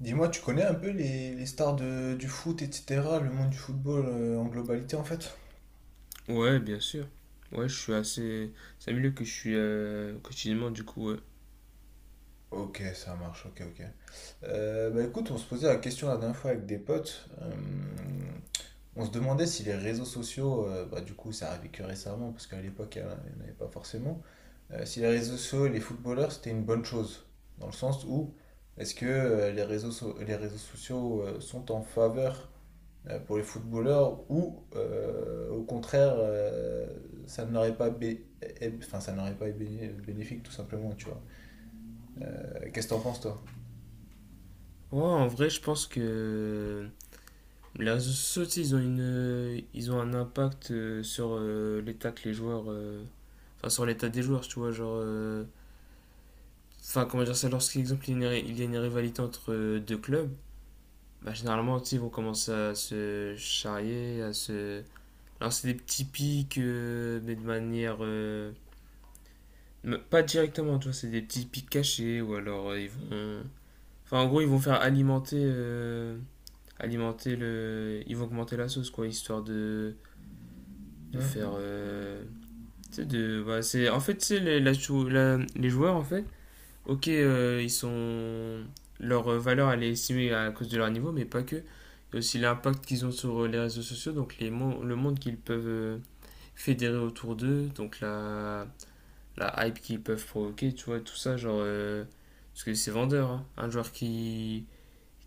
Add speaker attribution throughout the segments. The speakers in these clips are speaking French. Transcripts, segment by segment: Speaker 1: Dis-moi, tu connais un peu les stars du foot, etc., le monde du football en globalité en fait?
Speaker 2: Ouais, bien sûr. Ouais, je suis assez. C'est un milieu que je suis quotidiennement, du coup. Ouais.
Speaker 1: Ok, ça marche, ok, ok. Bah écoute, on se posait la question la dernière fois avec des potes. On se demandait si les réseaux sociaux, bah du coup, ça arrivait que récemment, parce qu'à l'époque, il n'y en avait pas forcément. Si les réseaux sociaux et les footballeurs, c'était une bonne chose. Dans le sens où, est-ce que les les réseaux sociaux sont en faveur pour les footballeurs ou au contraire ça n'aurait pas bé- é- enfin ça n'aurait pas été bénéfique tout simplement tu vois. Qu'est-ce que t'en penses toi?
Speaker 2: Ouais, en vrai, je pense que les réseaux sociaux, tu sais, ils ont une, ils ont un impact sur l'état que les joueurs. Enfin, sur l'état des joueurs, tu vois. Genre. Enfin, comment dire ça, lorsqu'exemple, il y a il y a une rivalité entre deux clubs, bah, généralement, tu sais, ils vont commencer à se charrier, à se lancer des petits pics, mais de manière. Mais pas directement, tu vois, c'est des petits pics cachés ou alors ils vont. Enfin, en gros, ils vont faire alimenter, alimenter le. Ils vont augmenter la sauce, quoi, histoire de
Speaker 1: Hum,
Speaker 2: faire.
Speaker 1: hum.
Speaker 2: Tu sais, de. Bah, c'est... En fait, tu sais, les, la chou- la- les joueurs, en fait, ok, ils sont. Leur valeur, elle est estimée à cause de leur niveau, mais pas que. Il y a aussi l'impact qu'ils ont sur les réseaux sociaux, donc le monde qu'ils peuvent fédérer autour d'eux, donc la hype qu'ils peuvent provoquer, tu vois, tout ça, genre. Parce que c'est vendeur, hein. Un joueur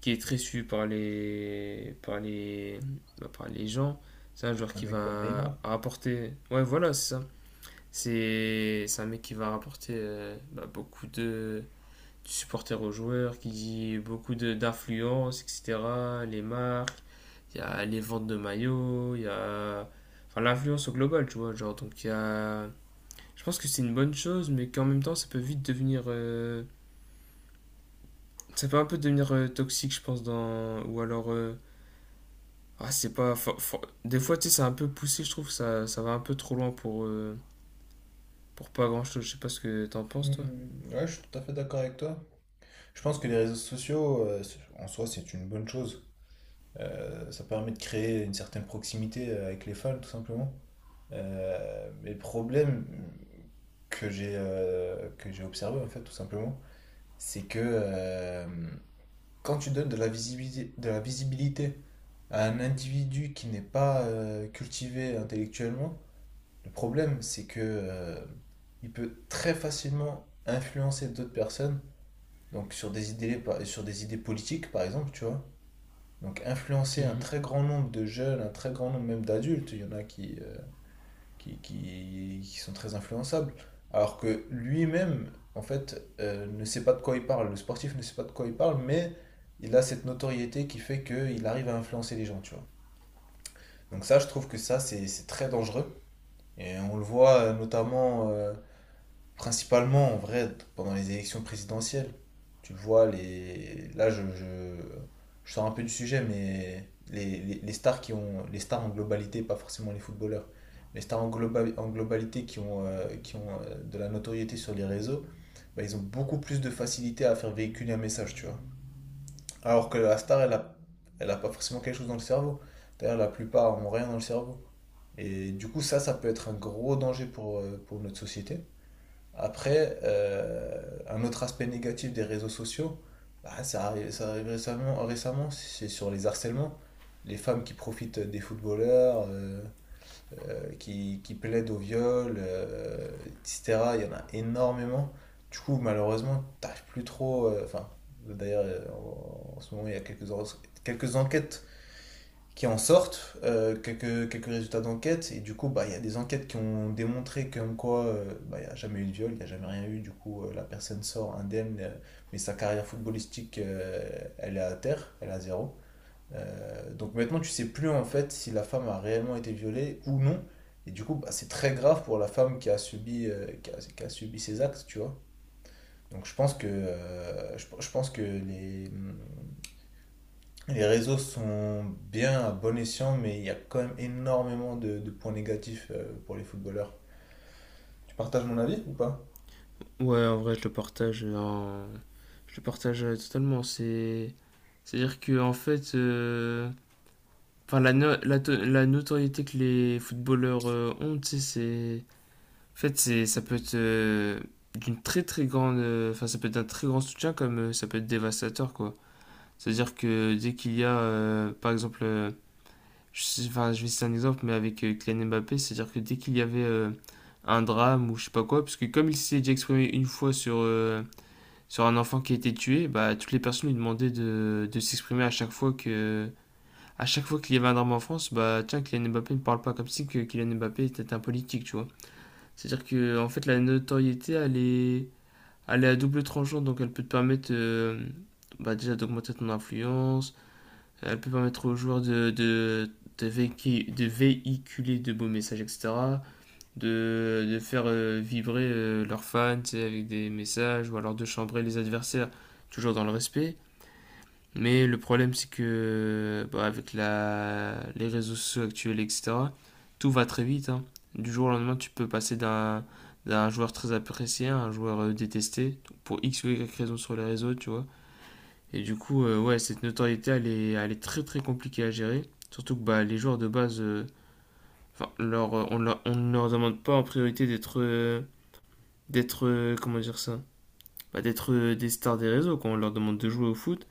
Speaker 2: qui est très suivi par les, bah, par les gens, c'est un joueur
Speaker 1: Un
Speaker 2: qui
Speaker 1: mec comme Neymar.
Speaker 2: va rapporter. Ouais, voilà, c'est ça. C'est un mec qui va rapporter bah, beaucoup de supporters aux joueurs, qui dit beaucoup d'influence, etc. Les marques, il y a les ventes de maillots, il y a. Enfin, l'influence au global, tu vois, genre, donc il y a je pense que c'est une bonne chose, mais qu'en même temps, ça peut vite devenir. Ça peut un peu devenir toxique, je pense, dans. Ou alors. Ah, c'est pas. Des fois, tu sais, c'est un peu poussé, je trouve, ça va un peu trop loin pour pas grand-chose. Je sais pas ce que t'en penses, toi.
Speaker 1: Ouais, je suis tout à fait d'accord avec toi. Je pense que les réseaux sociaux, en soi, c'est une bonne chose. Ça permet de créer une certaine proximité avec les fans, tout simplement. Mais le problème que j'ai observé, en fait, tout simplement, c'est que, quand tu donnes de la visibilité à un individu qui n'est pas cultivé intellectuellement, le problème c'est que il peut très facilement influencer d'autres personnes, donc sur des idées politiques par exemple, tu vois. Donc influencer un
Speaker 2: Mhm.
Speaker 1: très grand nombre de jeunes, un très grand nombre même d'adultes, il y en a qui, qui sont très influençables. Alors que lui-même, en fait, ne sait pas de quoi il parle. Le sportif ne sait pas de quoi il parle, mais il a cette notoriété qui fait qu'il arrive à influencer les gens, tu vois. Donc ça, je trouve que ça, c'est très dangereux. Et on le voit notamment principalement, en vrai, pendant les élections présidentielles, tu le vois, là, je sors un peu du sujet, mais les stars qui ont, les stars en globalité, pas forcément les footballeurs, les stars en, en globalité qui ont de la notoriété sur les réseaux, bah, ils ont beaucoup plus de facilité à faire véhiculer un message, tu vois. Alors que la star, elle a, elle a pas forcément quelque chose dans le cerveau. D'ailleurs, la plupart ont rien dans le cerveau. Et du coup, ça peut être un gros danger pour notre société. Après, un autre aspect négatif des réseaux sociaux, bah, ça arrive récemment, récemment, c'est sur les harcèlements. Les femmes qui profitent des footballeurs, qui plaident au viol, etc. Il y en a énormément. Du coup, malheureusement, t'arrives plus trop. Enfin, d'ailleurs, en, en ce moment, il y a quelques, quelques enquêtes qui en sortent, euh, quelques résultats d'enquête, et du coup, bah, il y a des enquêtes qui ont démontré comme quoi bah, il n'y a jamais eu de viol, il n'y a jamais rien eu, du coup, la personne sort indemne, mais sa carrière footballistique, elle est à terre, elle est à zéro. Donc maintenant, tu sais plus en fait si la femme a réellement été violée ou non, et du coup, bah, c'est très grave pour la femme qui a subi ces actes, tu vois. Donc je pense que, je pense que les réseaux sont bien à bon escient, mais il y a quand même énormément de points négatifs pour les footballeurs. Tu partages mon avis ou pas?
Speaker 2: Ouais, en vrai, je le partage. Je le partage totalement. C'est. C'est-à-dire que, en fait. Enfin, la, no- la, to- la notoriété que les footballeurs ont, tu sais, c'est en fait, c'est, ça peut être d'une très très grande, enfin ça peut être d'un très grand soutien comme ça peut être dévastateur quoi. C'est-à-dire que dès qu'il y a, par exemple, enfin je vais citer un exemple, mais avec Kylian Mbappé, c'est-à-dire que dès qu'il y avait un drame ou je sais pas quoi, parce que comme il s'est déjà exprimé une fois sur sur un enfant qui a été tué, bah toutes les personnes lui demandaient de s'exprimer à chaque fois que à chaque fois qu'il y avait un drame en France, bah tiens Kylian Mbappé ne parle pas comme si que Kylian Mbappé était un politique, tu vois. C'est-à-dire que en fait la notoriété elle est à double tranchant, donc elle peut te permettre bah, déjà d'augmenter ton influence, elle peut permettre aux joueurs de, de véhiculer de beaux messages, etc., de faire vibrer leurs fans tu sais, avec des messages, ou alors de chambrer les adversaires, toujours dans le respect. Mais le problème, c'est que bah, avec la... les réseaux sociaux actuels, etc., tout va très vite, hein. Du jour au lendemain, tu peux passer d'un joueur très apprécié à un joueur détesté donc pour X ou Y raison sur les réseaux, tu vois. Et du coup, ouais, cette notoriété, elle est très très compliquée à gérer. Surtout que bah, les joueurs de base, enfin, leur, on, leur, on ne leur demande pas en priorité d'être, d'être, comment dire ça, bah, d'être des stars des réseaux. Quand on leur demande de jouer au foot,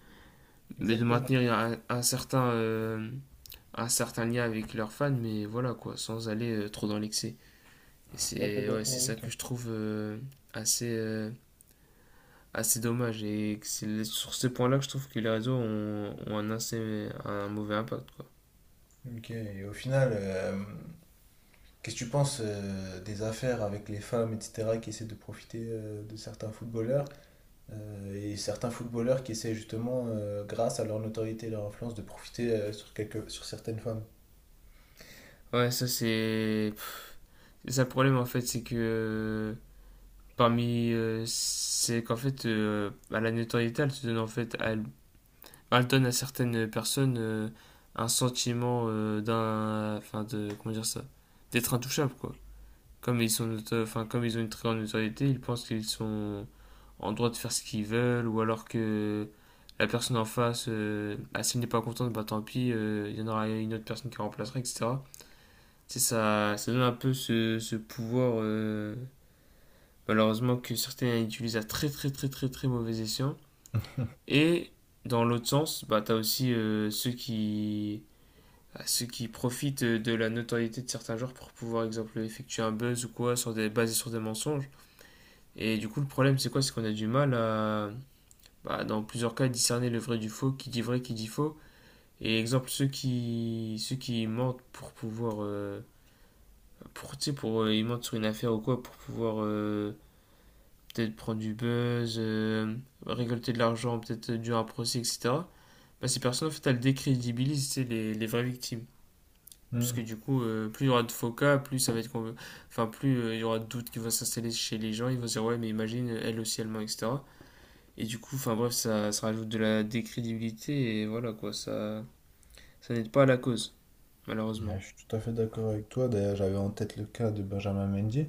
Speaker 2: mais de
Speaker 1: Exactement,
Speaker 2: maintenir un certain lien avec leurs fans, mais voilà quoi, sans aller trop dans l'excès. Et
Speaker 1: tout à fait
Speaker 2: c'est ouais, c'est
Speaker 1: d'accord avec
Speaker 2: ça
Speaker 1: toi.
Speaker 2: que je trouve assez, assez dommage. Et c'est sur ce point-là que je trouve que les réseaux ont, ont un, assez, un mauvais impact. Quoi.
Speaker 1: Ok, et au final, qu'est-ce que tu penses des affaires avec les femmes, etc., qui essaient de profiter de certains footballeurs, et certains footballeurs qui essaient justement, grâce à leur notoriété et leur influence, de profiter sur quelques, sur certaines femmes?
Speaker 2: Ouais, ça c'est. C'est ça le problème en fait, c'est que parmi. Euh, c'est qu'en fait, à la notoriété, elle se donne en fait à elle. Elle donne à certaines personnes un sentiment d'un enfin de comment dire ça d'être intouchable quoi comme enfin comme ils ont une très grande notoriété ils pensent qu'ils sont en droit de faire ce qu'ils veulent ou alors que la personne en face si elle n'est pas contente bah tant pis il y en aura une autre personne qui la remplacera etc. C'est ça donne un peu ce, ce pouvoir malheureusement que certains utilisent à très très très très très mauvais escient. Et dans l'autre sens bah t'as aussi ceux qui à ceux qui profitent de la notoriété de certains joueurs pour pouvoir, exemple, effectuer un buzz ou quoi, sur des, basé sur des mensonges. Et du coup, le problème, c'est quoi. C'est qu'on a du mal à, bah, dans plusieurs cas, discerner le vrai du faux, qui dit vrai, qui dit faux. Et exemple, ceux qui mentent pour pouvoir. Euh, pour, tu sais, pour, ils mentent sur une affaire ou quoi, pour pouvoir peut-être prendre du buzz, récolter de l'argent, peut-être dû à un procès, etc. Bah, ces personnes, en fait, elles décrédibilisent tu sais, les vraies victimes.
Speaker 1: Hmm.
Speaker 2: Puisque du coup, plus il y aura de faux cas, plus ça va être enfin plus il y aura de doutes qui vont s'installer chez les gens, ils vont se dire ouais mais imagine elle aussi elle ment, etc. Et du coup, enfin bref, ça rajoute de la décrédibilité et voilà quoi, ça n'aide pas à la cause, malheureusement.
Speaker 1: Ouais, je suis tout à fait d'accord avec toi. D'ailleurs, j'avais en tête le cas de Benjamin Mendy,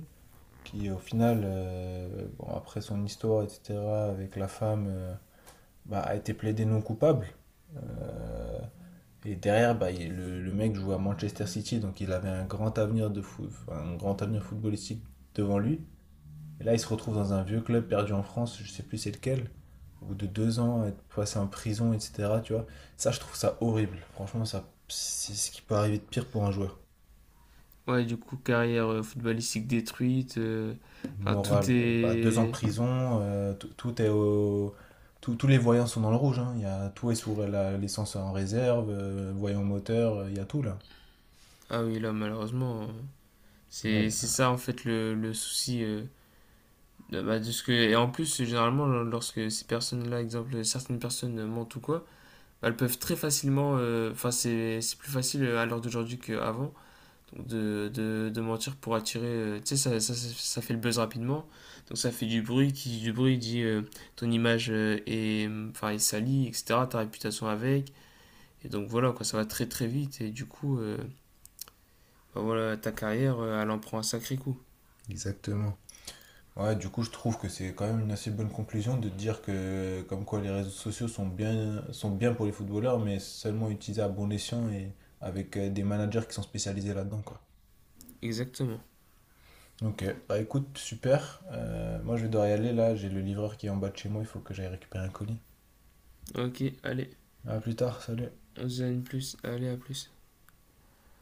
Speaker 1: qui au final, bon, après son histoire, etc., avec la femme, bah, a été plaidé non coupable. Euh, et derrière, bah, le mec jouait à Manchester City, donc il avait un grand avenir de foot, un grand avenir footballistique devant lui. Et là, il se retrouve dans un vieux club perdu en France, je sais plus c'est lequel, au bout de deux ans, être passé en prison, etc., tu vois. Ça, je trouve ça horrible. Franchement, ça, c'est ce qui peut arriver de pire pour un joueur.
Speaker 2: Ouais, du coup, carrière footballistique détruite, enfin tout
Speaker 1: Morale, bah, deux ans de
Speaker 2: est...
Speaker 1: prison, tout est au... tous les voyants sont dans le rouge, hein. Il y a, tout est sous l'essence en réserve, voyant moteur, il y a tout là.
Speaker 2: Ah oui, là malheureusement,
Speaker 1: là. il
Speaker 2: c'est
Speaker 1: y
Speaker 2: c'est
Speaker 1: a-
Speaker 2: ça en fait le souci. Euh, bah, de ce que... Et en plus, généralement, lorsque ces personnes-là, exemple, certaines personnes mentent ou quoi, elles peuvent très facilement, enfin c'est plus facile à l'heure d'aujourd'hui qu'avant donc de mentir pour attirer, tu sais ça, ça, ça, ça fait le buzz rapidement, donc ça fait du bruit, qui dit du bruit dit ton image est, enfin, est salie, etc., ta réputation avec, et donc voilà quoi, ça va très très vite et du coup, bah voilà, ta carrière, elle en prend un sacré coup.
Speaker 1: Exactement. Ouais, du coup, je trouve que c'est quand même une assez bonne conclusion de dire que, comme quoi, les réseaux sociaux sont bien pour les footballeurs, mais seulement utilisés à bon escient et avec des managers qui sont spécialisés là-dedans, quoi.
Speaker 2: Exactement.
Speaker 1: Ok, bah écoute, super. Moi, je vais devoir y aller là, j'ai le livreur qui est en bas de chez moi, il faut que j'aille récupérer un colis.
Speaker 2: Ok, allez,
Speaker 1: À plus tard, salut.
Speaker 2: on se dit à une plus, allez à plus.